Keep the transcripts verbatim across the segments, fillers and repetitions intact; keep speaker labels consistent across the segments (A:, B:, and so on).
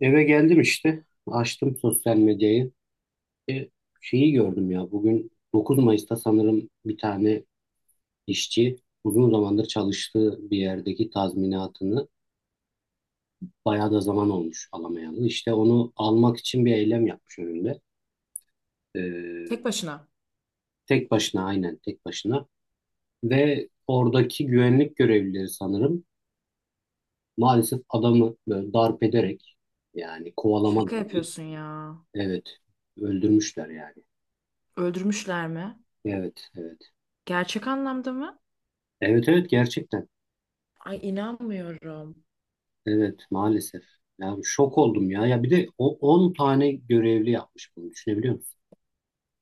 A: Eve geldim işte. Açtım sosyal medyayı. E, Şeyi gördüm ya. Bugün dokuz Mayıs'ta sanırım bir tane işçi uzun zamandır çalıştığı bir yerdeki tazminatını bayağı da zaman olmuş alamayalı. İşte onu almak için bir eylem yapmış önünde. E,
B: Tek başına.
A: Tek başına, aynen, tek başına. Ve oradaki güvenlik görevlileri sanırım maalesef adamı böyle darp ederek, yani kovalama da
B: Şaka
A: değil.
B: yapıyorsun ya.
A: Evet, öldürmüşler yani.
B: Öldürmüşler mi?
A: Evet, evet.
B: Gerçek anlamda mı?
A: Evet, evet, gerçekten.
B: Ay inanmıyorum.
A: Evet, maalesef. Yani şok oldum ya. Ya bir de o on tane görevli yapmış bunu, düşünebiliyor musun?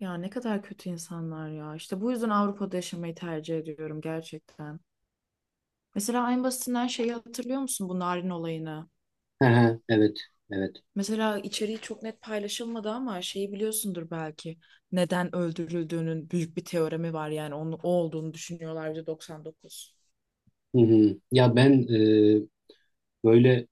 B: Ya ne kadar kötü insanlar ya. İşte bu yüzden Avrupa'da yaşamayı tercih ediyorum gerçekten. Mesela en basitinden şeyi hatırlıyor musun bu narin olayını?
A: He he, evet, evet.
B: Mesela içeriği çok net paylaşılmadı ama şeyi biliyorsundur belki. Neden öldürüldüğünün büyük bir teoremi var yani onun o olduğunu düşünüyorlar yüzde doksan dokuz.
A: Hı hı. Ya ben, e, böyle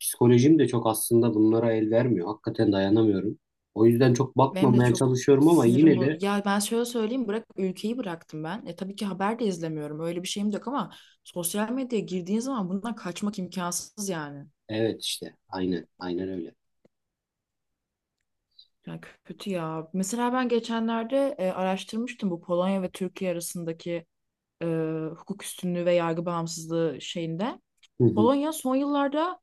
A: psikolojim de çok aslında bunlara el vermiyor. Hakikaten dayanamıyorum. O yüzden çok
B: Benim de
A: bakmamaya
B: çok
A: çalışıyorum ama
B: sinirim
A: yine
B: bo-
A: de
B: Ya ben şöyle söyleyeyim bırak ülkeyi bıraktım ben. E tabii ki haber de izlemiyorum. Öyle bir şeyim de yok ama sosyal medyaya girdiğin zaman bundan kaçmak imkansız yani.
A: evet, işte aynen, aynen öyle.
B: Yani kötü ya. Mesela ben geçenlerde e, araştırmıştım bu Polonya ve Türkiye arasındaki e, hukuk üstünlüğü ve yargı bağımsızlığı şeyinde.
A: Hı hı.
B: Polonya son yıllarda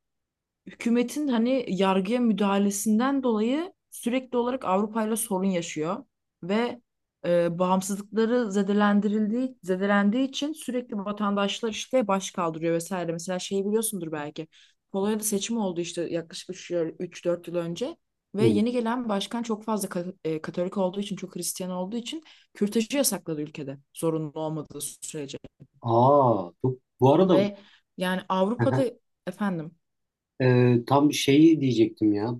B: hükümetin hani yargıya müdahalesinden dolayı sürekli olarak Avrupa ile sorun yaşıyor ve e, bağımsızlıkları zedelendirildiği zedelendiği için sürekli vatandaşlar işte baş kaldırıyor vesaire. Mesela şeyi biliyorsundur belki. Polonya'da seçim oldu işte yaklaşık üç dört yıl önce
A: Hı
B: ve
A: hı.
B: yeni gelen başkan çok fazla ka- e, Katolik olduğu için, çok Hristiyan olduğu için kürtajı yasakladı ülkede zorunlu olmadığı sürece.
A: Aa, bu, bu arada
B: Ve yani Avrupa'da efendim
A: e, tam şeyi diyecektim ya.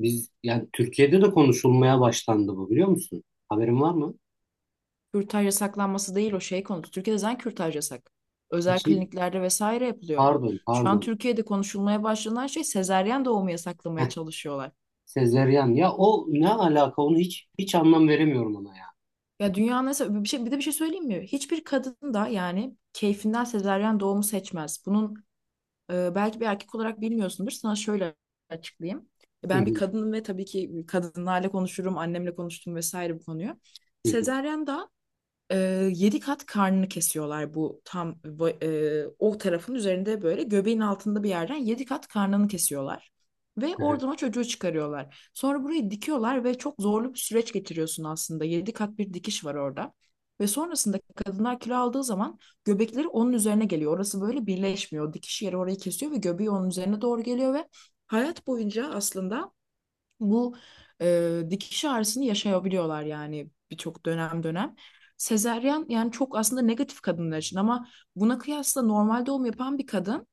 A: Biz yani Türkiye'de de konuşulmaya başlandı bu, biliyor musun? Haberin var mı?
B: kürtaj yasaklanması değil o şey konusu. Türkiye'de zaten kürtaj yasak.
A: Ha,
B: Özel
A: Hi-
B: kliniklerde vesaire yapılıyor bu.
A: pardon,
B: Şu an
A: pardon.
B: Türkiye'de konuşulmaya başlanan şey sezaryen doğumu yasaklamaya
A: Heh,
B: çalışıyorlar.
A: sezeryan. Ya o ne alaka? Onu hiç hiç anlam veremiyorum ona ya.
B: Ya dünyanın nasıl bir şey bir de bir şey söyleyeyim mi? Hiçbir kadın da yani keyfinden sezaryen doğumu seçmez. Bunun e, belki bir erkek olarak bilmiyorsundur. Sana şöyle açıklayayım. E,
A: Hı
B: Ben bir
A: hı,
B: kadınım ve tabii ki kadınlarla konuşurum, annemle konuştum vesaire bu konuyu.
A: hı hı,
B: Sezaryen da e, yedi kat karnını kesiyorlar bu tam va- e, o tarafın üzerinde böyle göbeğin altında bir yerden yedi kat karnını kesiyorlar. Ve
A: hı
B: oradan o çocuğu çıkarıyorlar. Sonra burayı dikiyorlar ve çok zorlu bir süreç geçiriyorsun aslında. Yedi kat bir dikiş var orada. Ve sonrasında kadınlar kilo aldığı zaman göbekleri onun üzerine geliyor. Orası böyle birleşmiyor. Dikiş yeri orayı kesiyor ve göbeği onun üzerine doğru geliyor ve hayat boyunca aslında bu e, dikiş ağrısını yaşayabiliyorlar yani birçok dönem dönem. Sezeryan yani çok aslında negatif kadınlar için ama buna kıyasla normal doğum yapan bir kadın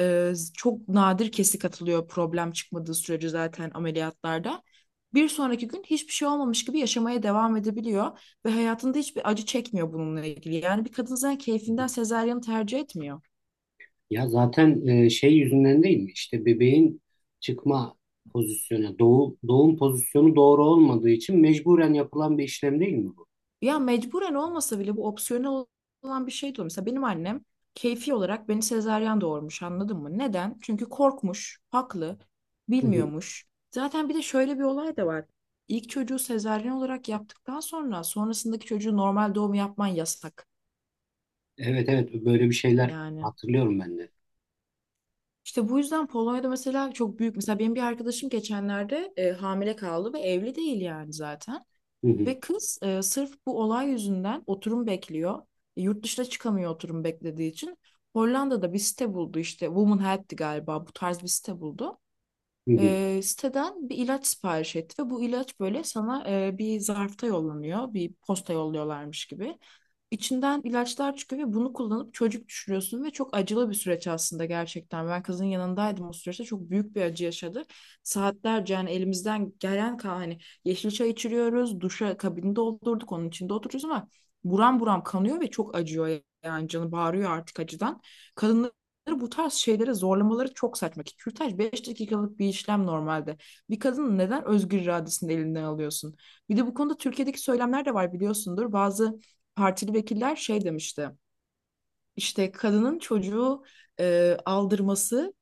B: e, çok nadir kesik atılıyor problem çıkmadığı sürece zaten ameliyatlarda. Bir sonraki gün hiçbir şey olmamış gibi yaşamaya devam edebiliyor ve hayatında hiçbir acı çekmiyor bununla ilgili. Yani bir kadın zaten
A: hı.
B: keyfinden sezaryanı tercih etmiyor.
A: Ya zaten, e, şey yüzünden değil mi? İşte bebeğin çıkma pozisyonu, doğu, doğum pozisyonu doğru olmadığı için mecburen yapılan bir işlem değil mi bu?
B: Ya mecburen olmasa bile bu opsiyonel olan bir şey de olur. Mesela benim annem keyfi olarak beni sezaryen doğurmuş anladın mı? Neden? Çünkü korkmuş, haklı,
A: Hı hı.
B: bilmiyormuş. Zaten bir de şöyle bir olay da var. İlk çocuğu sezaryen olarak yaptıktan sonra sonrasındaki çocuğu normal doğum yapman yasak.
A: Evet, evet, böyle bir şeyler
B: Yani
A: hatırlıyorum ben de.
B: işte bu yüzden Polonya'da mesela çok büyük. Mesela benim bir arkadaşım geçenlerde e, hamile kaldı ve evli değil yani zaten.
A: Hı hı,
B: Ve kız e, sırf bu olay yüzünden oturum bekliyor. E, yurt dışına çıkamıyor oturum beklediği için. Hollanda'da bir site buldu işte Woman Help'ti galiba bu tarz bir site buldu.
A: hı hı,
B: E, siteden bir ilaç sipariş etti ve bu ilaç böyle sana e, bir zarfta yollanıyor, bir posta yolluyorlarmış gibi. İçinden ilaçlar çıkıyor ve bunu kullanıp çocuk düşürüyorsun ve çok acılı bir süreç aslında gerçekten. Ben kızın yanındaydım o süreçte çok büyük bir acı yaşadı. Saatlerce yani elimizden gelen ka- hani yeşil çay içiriyoruz, duşa kabini doldurduk, onun içinde oturuyoruz ama buram buram kanıyor ve çok acıyor yani canı bağırıyor artık acıdan bu tarz şeylere zorlamaları çok saçma ki kürtaj beş dakikalık bir işlem normalde. Bir kadının neden özgür iradesini elinden alıyorsun? Bir de bu konuda Türkiye'deki söylemler de var biliyorsundur. Bazı partili vekiller şey demişti. İşte kadının çocuğu e, aldırması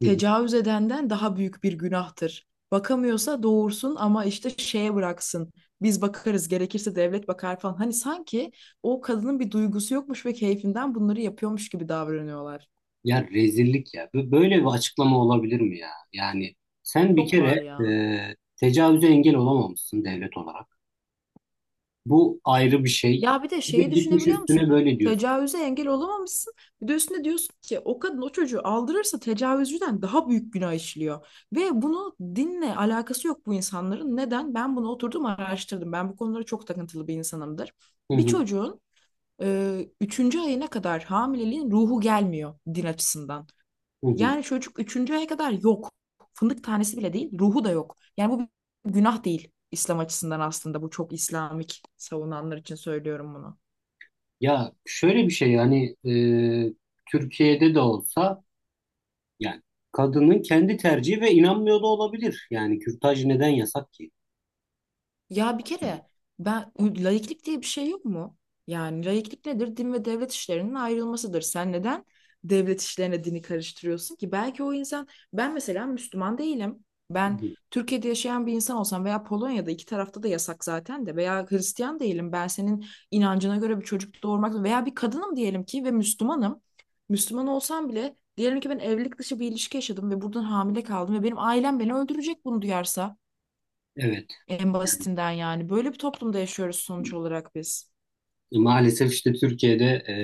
A: hı hı.
B: edenden daha büyük bir günahtır. Bakamıyorsa doğursun ama işte şeye bıraksın. Biz bakarız gerekirse devlet bakar falan. Hani sanki o kadının bir duygusu yokmuş ve keyfinden bunları yapıyormuş gibi davranıyorlar.
A: Ya rezillik ya. Bu- Böyle bir açıklama olabilir mi ya? Yani sen bir
B: Çok
A: kere,
B: var ya.
A: e, tecavüze engel olamamışsın devlet olarak. Bu ayrı bir şey.
B: Ya bir de
A: Bir de
B: şeyi
A: gitmiş
B: düşünebiliyor musun?
A: üstüne böyle diyorsun.
B: Tecavüze engel olamamışsın. Bir de üstüne diyorsun ki o kadın o çocuğu aldırırsa tecavüzcüden daha büyük günah işliyor. Ve bunu dinle alakası yok bu insanların. Neden? Ben bunu oturdum araştırdım. Ben bu konulara çok takıntılı bir insanımdır.
A: Hı
B: Bir
A: hı,
B: çocuğun e, üçüncü ayına kadar hamileliğin ruhu gelmiyor din açısından.
A: hı hı.
B: Yani çocuk üçüncü aya kadar yok. Fındık tanesi bile değil, ruhu da yok. Yani bu bir günah değil. İslam açısından aslında bu çok İslamik savunanlar için söylüyorum bunu.
A: Ya şöyle bir şey yani, e, Türkiye'de de olsa yani kadının kendi tercihi ve inanmıyor da olabilir. Yani kürtaj neden yasak ki?
B: Ya bir kere ben u- laiklik diye bir şey yok mu? Yani laiklik nedir? Din ve devlet işlerinin ayrılmasıdır. Sen neden devlet işlerine dini karıştırıyorsun ki? Belki o insan ben mesela Müslüman değilim.
A: Hı
B: Ben
A: hı.
B: Türkiye'de yaşayan bir insan olsam veya Polonya'da iki tarafta da yasak zaten de veya Hristiyan değilim. Ben senin inancına göre bir çocuk doğurmak veya bir kadınım diyelim ki ve Müslümanım. Müslüman olsam bile diyelim ki ben evlilik dışı bir ilişki yaşadım ve buradan hamile kaldım ve benim ailem beni öldürecek bunu duyarsa.
A: Evet.
B: En basitinden yani. Böyle bir toplumda yaşıyoruz sonuç olarak biz.
A: E, Maalesef işte Türkiye'de e,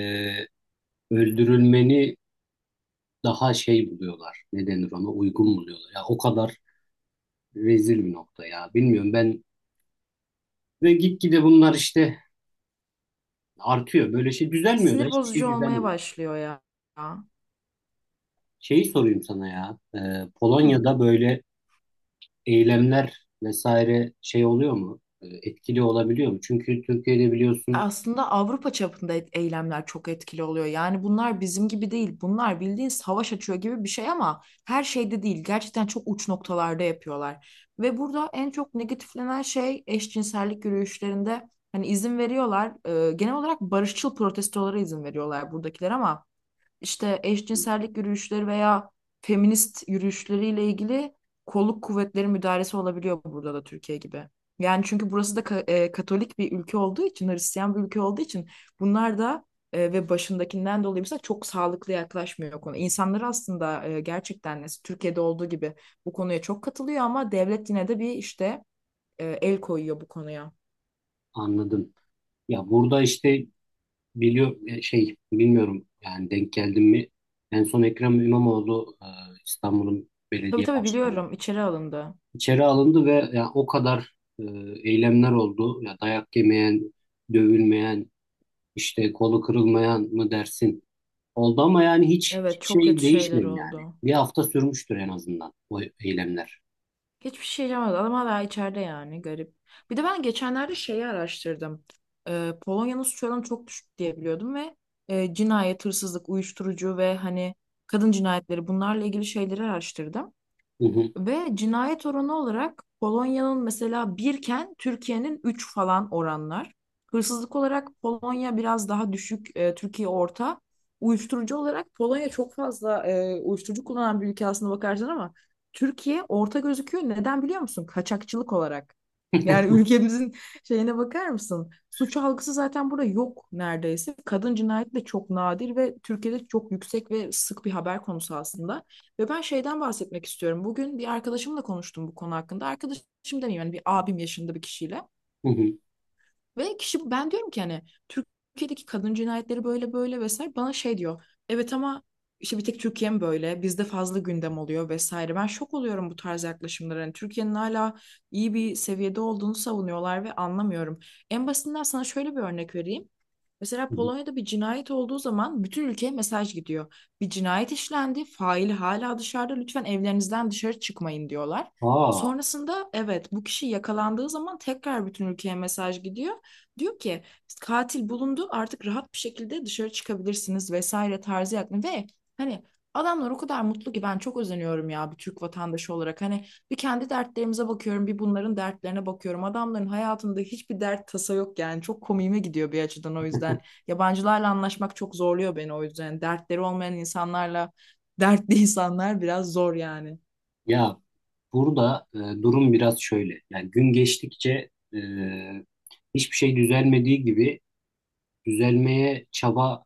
A: öldürülmeni daha şey buluyorlar. Ne denir ona? Uygun buluyorlar. Ya o kadar rezil bir nokta ya. Bilmiyorum ben, ve gitgide bunlar işte artıyor. Böyle şey düzelmiyor da,
B: Sinir
A: hiçbir
B: bozucu
A: şey
B: olmaya
A: düzelmiyor.
B: başlıyor ya.
A: Şeyi sorayım sana ya. Ee,
B: Hı.
A: Polonya'da böyle eylemler vesaire şey oluyor mu? Ee, etkili olabiliyor mu? Çünkü Türkiye'de biliyorsun
B: Aslında Avrupa çapında et- eylemler çok etkili oluyor. Yani bunlar bizim gibi değil. Bunlar bildiğin savaş açıyor gibi bir şey ama her şeyde değil. Gerçekten çok uç noktalarda yapıyorlar. Ve burada en çok negatiflenen şey eşcinsellik yürüyüşlerinde hani izin veriyorlar. Ee, genel olarak barışçıl protestolara izin veriyorlar buradakiler ama işte eşcinsellik yürüyüşleri veya feminist yürüyüşleriyle ilgili kolluk kuvvetleri müdahalesi olabiliyor burada da Türkiye gibi. Yani çünkü burası da ka- e, Katolik bir ülke olduğu için, Hristiyan bir ülke olduğu için bunlar da e, ve başındakinden dolayı mesela çok sağlıklı yaklaşmıyor konu. İnsanlar aslında e, gerçekten nasıl Türkiye'de olduğu gibi bu konuya çok katılıyor ama devlet yine de bir işte e, el koyuyor bu konuya.
A: anladım. Ya burada işte biliyor, e, şey bilmiyorum, yani denk geldim mi? En son Ekrem İmamoğlu, e, İstanbul'un
B: Tabii
A: belediye
B: tabii
A: başkanı,
B: biliyorum içeri alındı.
A: İçeri alındı ve ya o kadar e, eylemler oldu. Ya dayak yemeyen, dövülmeyen, işte kolu kırılmayan mı dersin? Oldu ama yani hiç, hiç
B: Evet çok
A: şey
B: kötü şeyler
A: değişmedi yani.
B: oldu.
A: Bir hafta sürmüştür en azından o eylemler.
B: Hiçbir şey yapamadı. Adam hala içeride yani garip. Bir de ben geçenlerde şeyi araştırdım. Ee, Polonya'nın suç oranı çok düşük diye biliyordum ve e, cinayet, hırsızlık, uyuşturucu ve hani kadın cinayetleri bunlarla ilgili şeyleri araştırdım.
A: Hı hı,
B: Ve cinayet oranı olarak Polonya'nın mesela birken Türkiye'nin üç falan oranlar. Hırsızlık olarak Polonya biraz daha düşük, e, Türkiye orta. Uyuşturucu olarak Polonya çok fazla e, uyuşturucu kullanan bir ülke aslında bakarsan ama Türkiye orta gözüküyor. Neden biliyor musun? Kaçakçılık olarak. Yani ülkemizin şeyine bakar mısın? Suç algısı zaten burada yok neredeyse. Kadın cinayeti de çok nadir ve Türkiye'de çok yüksek ve sık bir haber konusu aslında. Ve ben şeyden bahsetmek istiyorum. Bugün bir arkadaşımla konuştum bu konu hakkında. Arkadaşım demeyeyim yani bir abim yaşında bir kişiyle.
A: hı hı,
B: Ve kişi ben diyorum ki hani Türkiye'deki kadın cinayetleri böyle böyle vesaire bana şey diyor. Evet ama işte bir tek Türkiye mi böyle? Bizde fazla gündem oluyor vesaire. Ben şok oluyorum bu tarz yaklaşımlara. Hani Türkiye'nin hala iyi bir seviyede olduğunu savunuyorlar ve anlamıyorum. En basitinden sana şöyle bir örnek vereyim. Mesela
A: hı hı.
B: Polonya'da bir cinayet olduğu zaman bütün ülkeye mesaj gidiyor. Bir cinayet işlendi, faili hala dışarıda. Lütfen evlerinizden dışarı çıkmayın diyorlar.
A: Aa,
B: Sonrasında evet bu kişi yakalandığı zaman tekrar bütün ülkeye mesaj gidiyor. Diyor ki katil bulundu artık rahat bir şekilde dışarı çıkabilirsiniz vesaire tarzı yakın ve hani adamlar o kadar mutlu ki ben çok özeniyorum ya bir Türk vatandaşı olarak hani bir kendi dertlerimize bakıyorum bir bunların dertlerine bakıyorum adamların hayatında hiçbir dert tasa yok yani çok komiğime gidiyor bir açıdan o yüzden yabancılarla anlaşmak çok zorluyor beni o yüzden Yani dertleri olmayan insanlarla dertli insanlar biraz zor yani.
A: ya burada e, durum biraz şöyle. Yani gün geçtikçe e, hiçbir şey düzelmediği gibi düzelmeye çaba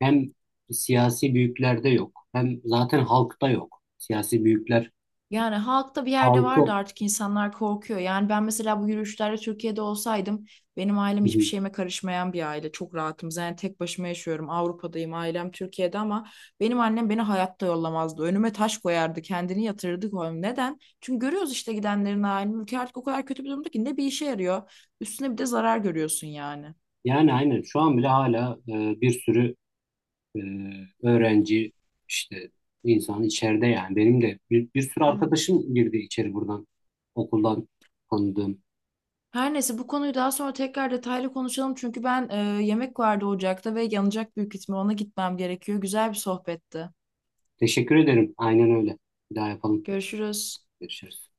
A: hem siyasi büyüklerde yok, hem zaten halkta yok. Siyasi büyükler
B: Yani halkta bir yerde vardı
A: halkı.
B: artık insanlar korkuyor. Yani ben mesela bu yürüyüşlerde Türkiye'de olsaydım benim ailem
A: Hı
B: hiçbir
A: hı.
B: şeyime karışmayan bir aile. Çok rahatım. Yani tek başıma yaşıyorum. Avrupa'dayım, ailem Türkiye'de ama benim annem beni hayatta yollamazdı. Önüme taş koyardı, kendini yatırırdı koyardı. Neden? Çünkü görüyoruz işte gidenlerin halini. Ülke artık o kadar kötü bir durumda ki ne bir işe yarıyor. Üstüne bir de zarar görüyorsun yani.
A: Yani aynen şu an bile hala e, bir sürü e, öğrenci işte insan içeride, yani benim de bir, bir sürü
B: Evet.
A: arkadaşım girdi içeri buradan, okuldan tanıdığım.
B: Her neyse bu konuyu daha sonra tekrar detaylı konuşalım çünkü ben e, yemek vardı ocakta ve yanacak büyük ihtimal ona gitmem gerekiyor. Güzel bir sohbetti.
A: Teşekkür ederim. Aynen öyle. Bir daha yapalım.
B: Görüşürüz.
A: Görüşürüz.